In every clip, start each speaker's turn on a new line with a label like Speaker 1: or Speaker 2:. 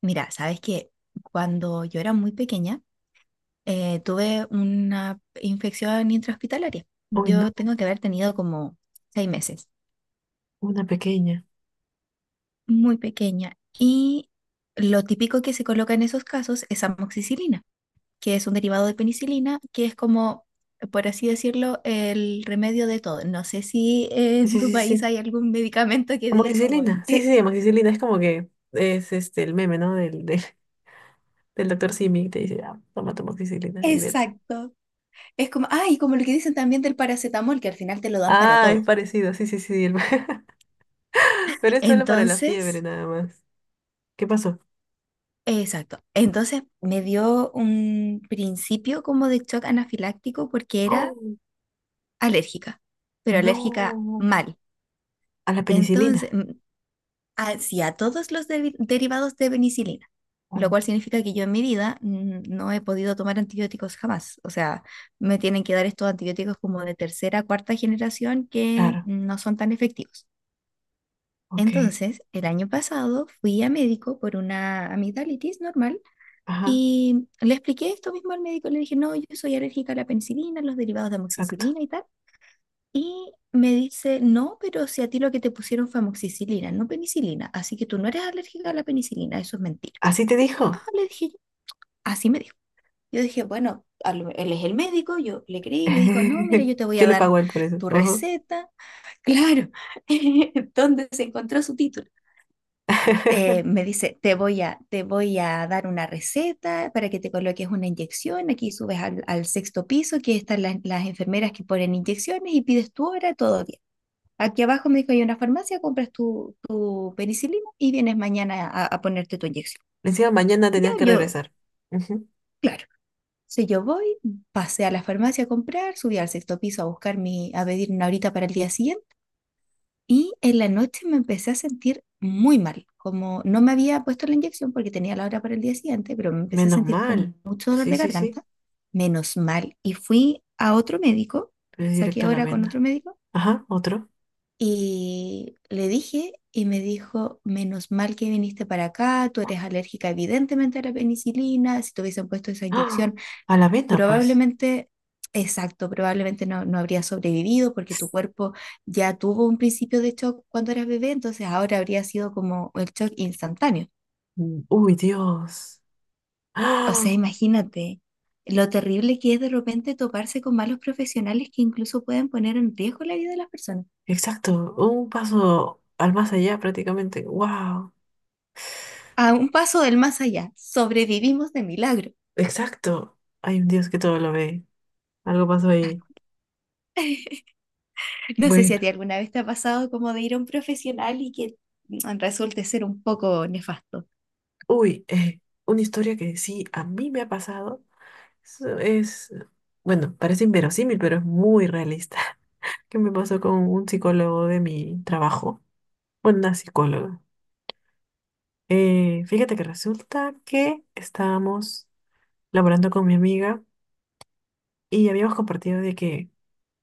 Speaker 1: Mira, sabes que cuando yo era muy pequeña, tuve una infección intrahospitalaria.
Speaker 2: Uy, no,
Speaker 1: Yo tengo que haber tenido como 6 meses,
Speaker 2: una pequeña.
Speaker 1: muy pequeña. Y lo típico que se coloca en esos casos es amoxicilina, que es un derivado de penicilina, que es como, por así decirlo, el remedio de todo. No sé si en
Speaker 2: Sí,
Speaker 1: tu
Speaker 2: sí,
Speaker 1: país
Speaker 2: sí.
Speaker 1: hay algún medicamento que diga como.
Speaker 2: Amoxicilina. Sí, sí,
Speaker 1: "Eh,
Speaker 2: sí, amoxicilina es como que es este el meme, ¿no? Del doctor Simi que te dice, ah, toma tu amoxicilina y vete.
Speaker 1: exacto. Es como, ay, como lo que dicen también del paracetamol, que al final te lo dan para
Speaker 2: Ah, es
Speaker 1: todo.
Speaker 2: parecido, sí, sí, sí. Sí, Pero es solo para la fiebre
Speaker 1: Entonces,
Speaker 2: nada más. ¿Qué pasó?
Speaker 1: exacto. Entonces me dio un principio como de shock anafiláctico porque era
Speaker 2: ¡Oh!
Speaker 1: alérgica, pero alérgica
Speaker 2: No,
Speaker 1: mal.
Speaker 2: a la
Speaker 1: Entonces,
Speaker 2: penicilina.
Speaker 1: hacia todos los derivados de penicilina,
Speaker 2: Oh,
Speaker 1: lo cual significa que yo en mi vida no he podido tomar antibióticos jamás. O sea, me tienen que dar estos antibióticos como de tercera, cuarta generación que
Speaker 2: claro,
Speaker 1: no son tan efectivos.
Speaker 2: ok.
Speaker 1: Entonces, el año pasado fui a médico por una amigdalitis normal.
Speaker 2: Ajá,
Speaker 1: Y le expliqué esto mismo al médico, le dije, no, yo soy alérgica a la penicilina, los derivados de
Speaker 2: exacto.
Speaker 1: amoxicilina y tal. Y me dice, no, pero si a ti lo que te pusieron fue amoxicilina, no penicilina, así que tú no eres alérgica a la penicilina, eso es mentira.
Speaker 2: ¿Así te
Speaker 1: Ah,
Speaker 2: dijo?
Speaker 1: le dije, yo. Así me dijo. Yo dije, bueno, él es el médico, yo le creí, me dijo, no, mira, yo te voy
Speaker 2: Yo
Speaker 1: a
Speaker 2: le
Speaker 1: dar
Speaker 2: pago a él por eso.
Speaker 1: tu
Speaker 2: Ajá.
Speaker 1: receta. Claro. ¿Dónde se encontró su título? Me dice, te voy a dar una receta para que te coloques una inyección, aquí subes al sexto piso, aquí están las enfermeras que ponen inyecciones y pides tu hora, todo bien. Aquí abajo me dijo, hay una farmacia, compras tu penicilina y vienes mañana a ponerte tu inyección.
Speaker 2: Encima mañana
Speaker 1: Yo,
Speaker 2: tenías que
Speaker 1: yo,
Speaker 2: regresar.
Speaker 1: claro. Entonces yo voy, pasé a la farmacia a comprar, subí al sexto piso a buscar a pedir una horita para el día siguiente. Y en la noche me empecé a sentir muy mal, como no me había puesto la inyección porque tenía la hora para el día siguiente, pero me empecé a
Speaker 2: Menos
Speaker 1: sentir
Speaker 2: mal.
Speaker 1: con mucho dolor
Speaker 2: Sí,
Speaker 1: de
Speaker 2: sí, sí.
Speaker 1: garganta, menos mal. Y fui a otro médico,
Speaker 2: Es directo
Speaker 1: saqué
Speaker 2: a la
Speaker 1: hora con otro
Speaker 2: venda.
Speaker 1: médico
Speaker 2: Ajá, otro.
Speaker 1: y le dije y me dijo, menos mal que viniste para acá, tú eres alérgica evidentemente a la penicilina. Si te hubiesen puesto esa
Speaker 2: ¡Ah!
Speaker 1: inyección
Speaker 2: A la venda, pues.
Speaker 1: probablemente, exacto, probablemente no habría sobrevivido porque tu cuerpo ya tuvo un principio de shock cuando eras bebé, entonces ahora habría sido como el shock instantáneo.
Speaker 2: Mm, Uy, Dios.
Speaker 1: O sea,
Speaker 2: ¡Ah!
Speaker 1: imagínate lo terrible que es de repente toparse con malos profesionales que incluso pueden poner en riesgo la vida de las personas.
Speaker 2: Exacto. Un paso al más allá prácticamente. ¡Wow!
Speaker 1: A un paso del más allá, sobrevivimos de milagro.
Speaker 2: Exacto. Hay un Dios que todo lo ve. Algo pasó ahí.
Speaker 1: No sé si a
Speaker 2: Bueno.
Speaker 1: ti alguna vez te ha pasado como de ir a un profesional y que resulte ser un poco nefasto.
Speaker 2: Uy, una historia que sí a mí me ha pasado. Es, es- bueno, parece inverosímil, pero es muy realista. Que me pasó con un psicólogo de mi trabajo. Una psicóloga. Fíjate que resulta que estábamos laborando con mi amiga y habíamos compartido de que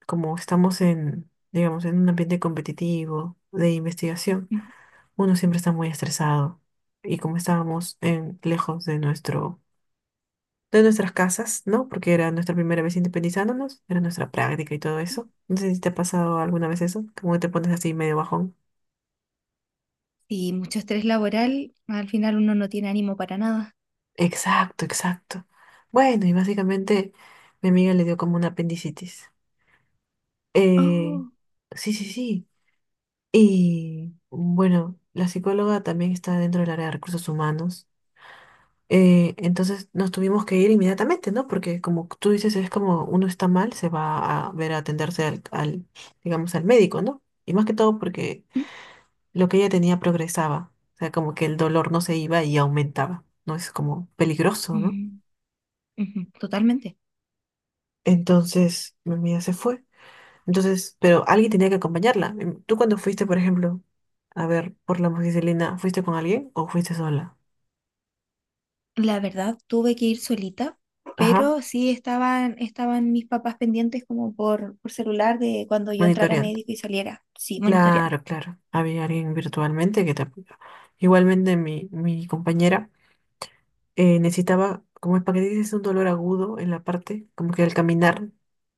Speaker 2: como estamos digamos, en un ambiente competitivo de investigación, uno siempre está muy estresado. Y como estábamos lejos de nuestras casas, ¿no? Porque era nuestra primera vez independizándonos, era nuestra práctica y todo eso. No sé si te ha pasado alguna vez eso, como que te pones así medio bajón.
Speaker 1: Y mucho estrés laboral, al final uno no tiene ánimo para nada.
Speaker 2: Exacto, exacto. Bueno, y básicamente mi amiga le dio como una apendicitis. Eh,
Speaker 1: Oh.
Speaker 2: sí, sí, sí. Y bueno, la psicóloga también está dentro del área de recursos humanos. Entonces nos tuvimos que ir inmediatamente, ¿no? Porque como tú dices, es como uno está mal, se va a ver a atenderse digamos, al médico, ¿no? Y más que todo porque lo que ella tenía progresaba. O sea, como que el dolor no se iba y aumentaba, ¿no? Es como peligroso, ¿no?
Speaker 1: Mm, ujú, totalmente.
Speaker 2: Entonces mi amiga se fue. Entonces, pero alguien tenía que acompañarla. Tú cuando fuiste, por ejemplo, a ver, por la amoxicilina, ¿fuiste con alguien o fuiste sola?
Speaker 1: La verdad, tuve que ir solita,
Speaker 2: Ajá,
Speaker 1: pero sí estaban, estaban mis papás pendientes como por celular de cuando yo entrara
Speaker 2: monitoreando.
Speaker 1: médico y saliera, sí, monitoreando.
Speaker 2: Claro, claro. Había alguien virtualmente que te apoyaba. Igualmente mi compañera necesitaba, como es para que dices, un dolor agudo en la parte, como que al caminar,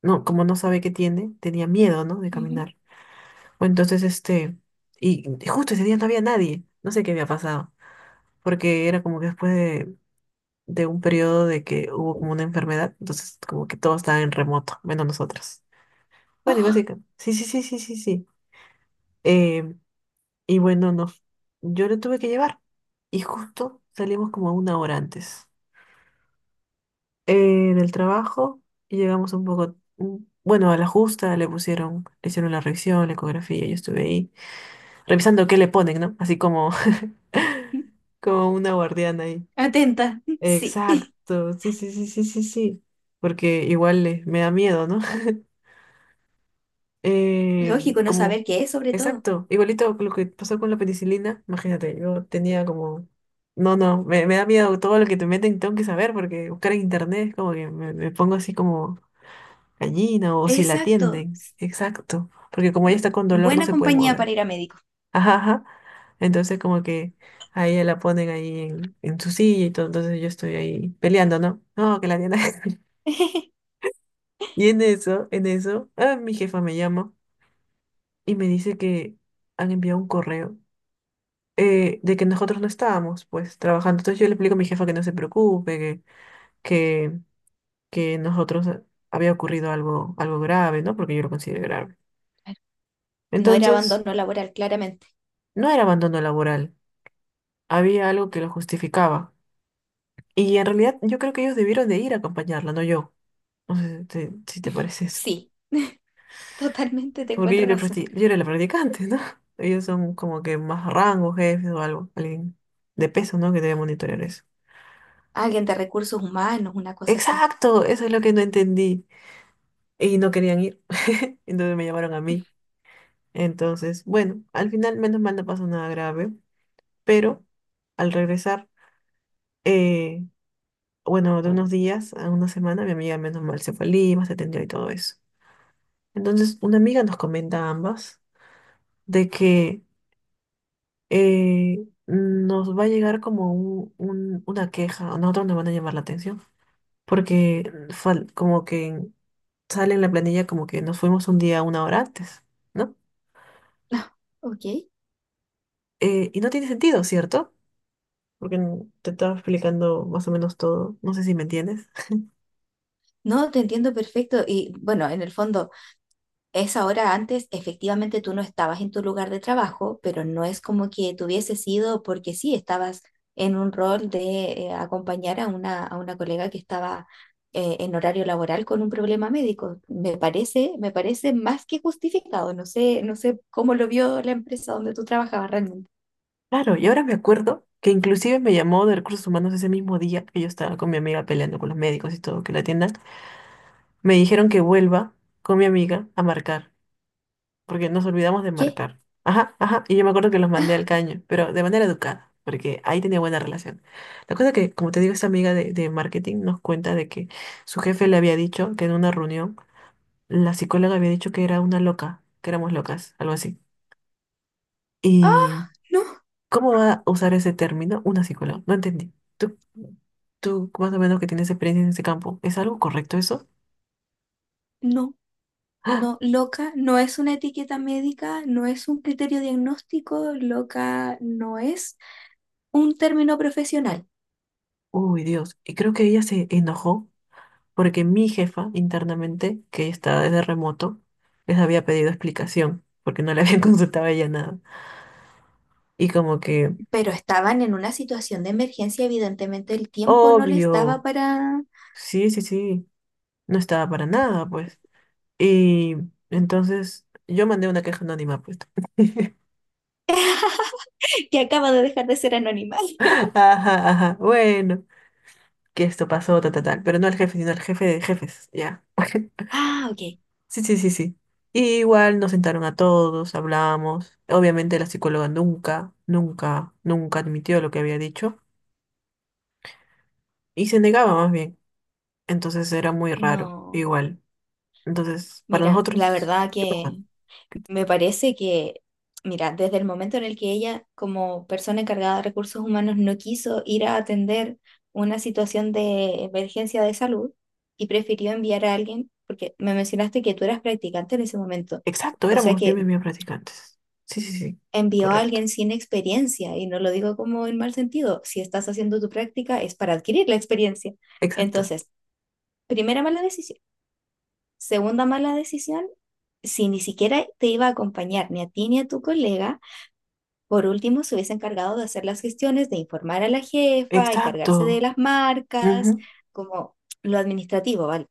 Speaker 2: no, como no sabe qué tiene, tenía miedo, ¿no? De
Speaker 1: Ujú.
Speaker 2: caminar. O entonces, este, y justo ese día no había nadie. No sé qué había pasado porque era como que después de un periodo de que hubo como una enfermedad, entonces como que todo estaba en remoto, menos nosotros. Bueno, y
Speaker 1: Oh.
Speaker 2: básicamente, sí, sí, sí, sí, sí, sí. Eh, y bueno, yo lo tuve que llevar y justo salimos como una hora antes eh, del trabajo y llegamos un poco, bueno, a la justa le pusieron, le hicieron la revisión, la ecografía, yo estuve ahí revisando qué le ponen, ¿no? Así como, como una guardiana ahí.
Speaker 1: Atenta, sí.
Speaker 2: Exacto, sí, sí, sí, sí, sí, sí. Porque igual me da miedo, ¿no? Eh,
Speaker 1: Lógico, no
Speaker 2: como,
Speaker 1: saber qué es, sobre todo.
Speaker 2: exacto, igualito con lo que pasó con la penicilina, imagínate, yo tenía como, no, no, me da miedo todo lo que te meten, tengo que saber, porque buscar en internet es como que me pongo así como gallina o si la
Speaker 1: Exacto.
Speaker 2: atienden, exacto, porque como ella
Speaker 1: m-
Speaker 2: está con dolor no
Speaker 1: Buena
Speaker 2: se puede
Speaker 1: compañía
Speaker 2: mover,
Speaker 1: para ir a médico.
Speaker 2: ajá, ajá, entonces como que a ella la ponen ahí en su silla y todo, entonces yo estoy ahí peleando, ¿no? No, que la atienda. Y en eso, ah, mi jefa me llama. Y me dice que han enviado un correo de que nosotros no estábamos, pues, trabajando. Entonces yo le explico a mi jefa que no se preocupe, que, que nosotros había ocurrido algo, algo grave, ¿no? Porque yo lo considero grave.
Speaker 1: Claro. No era
Speaker 2: Entonces,
Speaker 1: abandono laboral, claramente.
Speaker 2: no era abandono laboral, había algo que lo justificaba. Y en realidad yo creo que ellos debieron de ir a acompañarla, no yo. No sé si te parece eso.
Speaker 1: Sí, totalmente te
Speaker 2: Porque yo,
Speaker 1: encuentro
Speaker 2: era
Speaker 1: razón.
Speaker 2: practi- yo era la practicante, ¿no? Ellos son como que más rango, jefes o algo, alguien de peso, ¿no? Que debe monitorear eso.
Speaker 1: Alguien de recursos humanos, una cosa así.
Speaker 2: Exacto, eso es lo que no entendí. Y no querían ir. Entonces me llamaron a mí. Entonces, bueno, al final menos mal no pasó nada grave, pero al regresar, eh, bueno, de unos días a una semana, mi amiga menos mal se fue a Lima, se atendió y todo eso. Entonces, una amiga nos comenta a ambas de que nos va a llegar como una queja, a nosotros nos van a llamar la atención, porque como que sale en la planilla como que nos fuimos un día una hora antes, ¿no?
Speaker 1: Ah, ok.
Speaker 2: Y no tiene sentido, ¿cierto? Porque te estaba explicando más o menos todo, no sé si me entiendes.
Speaker 1: No, te entiendo perfecto. Y bueno, en el fondo, esa hora antes, efectivamente tú no estabas en tu lugar de trabajo, pero no es como que te hubiese sido porque sí, estabas en un rol de acompañar a a una colega que estaba en horario laboral con un problema médico. Me parece más que justificado. No sé, no sé cómo lo vio la empresa donde tú trabajabas realmente.
Speaker 2: Claro, y ahora me acuerdo que inclusive me llamó de recursos humanos ese mismo día que yo estaba con mi amiga peleando con los médicos y todo, que la atiendan. Me dijeron que vuelva con mi amiga a marcar. Porque nos olvidamos de
Speaker 1: ¿Qué?
Speaker 2: marcar. Ajá, ajá, y yo me acuerdo que los mandé al caño, pero de manera educada, porque ahí tenía buena relación. La cosa que, como te digo, esta amiga de marketing nos cuenta de que su jefe le había dicho que en una reunión la psicóloga había dicho que era una loca, que éramos locas, algo así.
Speaker 1: Ah,
Speaker 2: ¿Y
Speaker 1: no,
Speaker 2: cómo va a usar ese término una psicóloga? No entendí. ¿Tú más o menos que tienes experiencia en ese campo, ¿es algo correcto eso?
Speaker 1: no.
Speaker 2: ¡Ah!
Speaker 1: No, loca no es una etiqueta médica, no es un criterio diagnóstico, loca no es un término profesional.
Speaker 2: Uy, Dios. Y creo que ella se enojó porque mi jefa internamente, que está desde remoto, les había pedido explicación, porque no le habían consultado a ella nada. Y como que,
Speaker 1: Pero estaban en una situación de emergencia, evidentemente el tiempo no les daba
Speaker 2: obvio,
Speaker 1: para...
Speaker 2: sí, sí, sí, no estaba para nada, pues. Y entonces yo mandé una queja anónima, pues.
Speaker 1: Que acaba de dejar de ser anónima.
Speaker 2: Ajá, ajá, bueno, que esto pasó, ta, ta, tal, pero no al jefe, sino al jefe de jefes, ya.
Speaker 1: Ah, ok.
Speaker 2: Sí, sí, sí, sí. Y igual nos sentaron a todos, hablamos. Obviamente la psicóloga nunca, nunca, nunca admitió lo que había dicho. Y se negaba más bien. Entonces era muy raro,
Speaker 1: No,
Speaker 2: igual. Entonces, para
Speaker 1: mira, la
Speaker 2: nosotros,
Speaker 1: verdad
Speaker 2: ¿qué pasa?
Speaker 1: que me parece que, mira, desde el momento en el que ella, como persona encargada de recursos humanos, no quiso ir a atender una situación de emergencia de salud y prefirió enviar a alguien, porque me mencionaste que tú eras practicante en ese momento,
Speaker 2: Exacto,
Speaker 1: o sea
Speaker 2: éramos yo y
Speaker 1: que
Speaker 2: mis amigas practicantes. Sí, sí, sí,
Speaker 1: envió a
Speaker 2: correcto.
Speaker 1: alguien sin experiencia, y no lo digo como en mal sentido, si estás haciendo tu práctica es para adquirir la experiencia.
Speaker 2: Exacto,
Speaker 1: Entonces, primera mala decisión. Segunda mala decisión, si ni siquiera te iba a acompañar ni a ti ni a tu colega. Por último, se hubiese encargado de hacer las gestiones, de informar a la jefa, encargarse de
Speaker 2: exacto.
Speaker 1: las marcas,
Speaker 2: Ujú.
Speaker 1: como lo administrativo, ¿vale?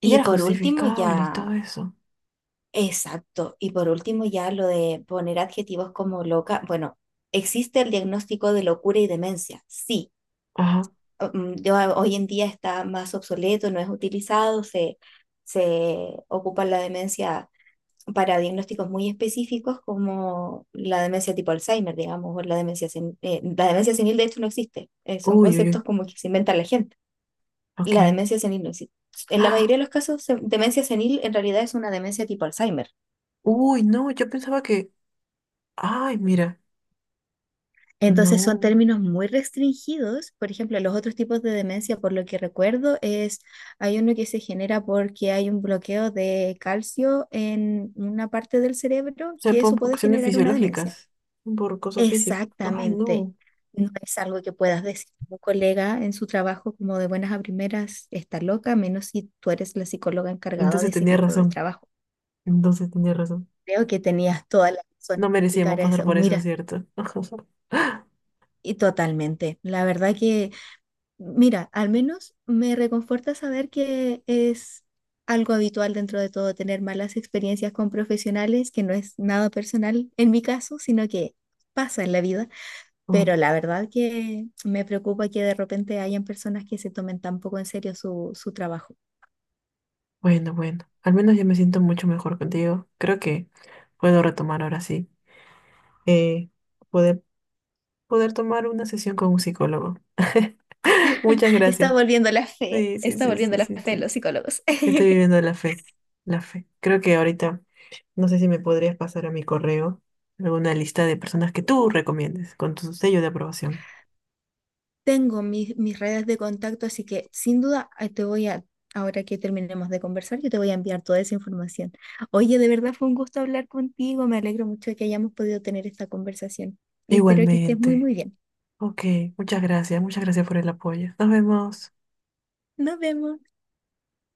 Speaker 2: Y
Speaker 1: Y
Speaker 2: era
Speaker 1: por último,
Speaker 2: justificable y todo
Speaker 1: ya,
Speaker 2: eso.
Speaker 1: exacto, y por último, ya lo de poner adjetivos como loca. Bueno, existe el diagnóstico de locura y demencia, sí.
Speaker 2: Ajá.
Speaker 1: Hoy en día está más obsoleto, no es utilizado, se ocupa la demencia para diagnósticos muy específicos como la demencia tipo Alzheimer, digamos, o la demencia senil. La demencia senil de hecho no existe, son
Speaker 2: Uy, uy, uy.
Speaker 1: conceptos como que se inventa la gente.
Speaker 2: Ok.
Speaker 1: La demencia senil no existe. En la mayoría
Speaker 2: ¡Ah!
Speaker 1: de los casos, demencia senil en realidad es una demencia tipo Alzheimer.
Speaker 2: Uy, no, yo pensaba que. Ay, mira,
Speaker 1: Entonces son
Speaker 2: no.
Speaker 1: términos muy restringidos. Por ejemplo, los otros tipos de demencia, por lo que recuerdo, es hay uno que se genera porque hay un bloqueo de calcio en una parte del cerebro
Speaker 2: Se
Speaker 1: que
Speaker 2: por
Speaker 1: eso
Speaker 2: por
Speaker 1: puede
Speaker 2: cuestiones
Speaker 1: generar una demencia.
Speaker 2: fisiológicas, por cosas físicas. Ay,
Speaker 1: Exactamente.
Speaker 2: no.
Speaker 1: No es algo que puedas decir a un colega en su trabajo como de buenas a primeras, está loca, a menos si tú eres la psicóloga encargada de
Speaker 2: Entonces
Speaker 1: ese
Speaker 2: tenía
Speaker 1: equipo de
Speaker 2: razón.
Speaker 1: trabajo.
Speaker 2: Entonces tenía razón.
Speaker 1: Creo que tenías toda la razón
Speaker 2: No
Speaker 1: en explicar
Speaker 2: merecíamos pasar
Speaker 1: eso.
Speaker 2: por eso,
Speaker 1: Mira,
Speaker 2: ¿cierto?
Speaker 1: y totalmente. La verdad que, mira, al menos me reconforta saber que es algo habitual dentro de todo tener malas experiencias con profesionales, que no es nada personal en mi caso, sino que pasa en la vida.
Speaker 2: Oh,
Speaker 1: Pero la verdad que me preocupa que de repente hayan personas que se tomen tan poco en serio su trabajo.
Speaker 2: bueno, bueno. Al menos ya me siento mucho mejor contigo. Creo que puedo retomar ahora sí. eh, poder, poder tomar una sesión con un psicólogo. Muchas
Speaker 1: Está
Speaker 2: gracias.
Speaker 1: volviendo la fe,
Speaker 2: Sí, sí,
Speaker 1: está
Speaker 2: sí,
Speaker 1: volviendo
Speaker 2: sí,
Speaker 1: la
Speaker 2: sí,
Speaker 1: fe en
Speaker 2: sí.
Speaker 1: los psicólogos.
Speaker 2: Estoy viviendo la fe. La fe. Creo que ahorita, no sé si me podrías pasar a mi correo alguna lista de personas que tú recomiendes con tu sello de aprobación.
Speaker 1: Tengo mis redes de contacto, así que sin duda ahora que terminemos de conversar, yo te voy a enviar toda esa información. Oye, de verdad fue un gusto hablar contigo, me alegro mucho de que hayamos podido tener esta conversación y espero que estés muy,
Speaker 2: Igualmente.
Speaker 1: muy bien.
Speaker 2: Ok, muchas gracias. Muchas gracias por el apoyo. Nos vemos.
Speaker 1: Nos vemos.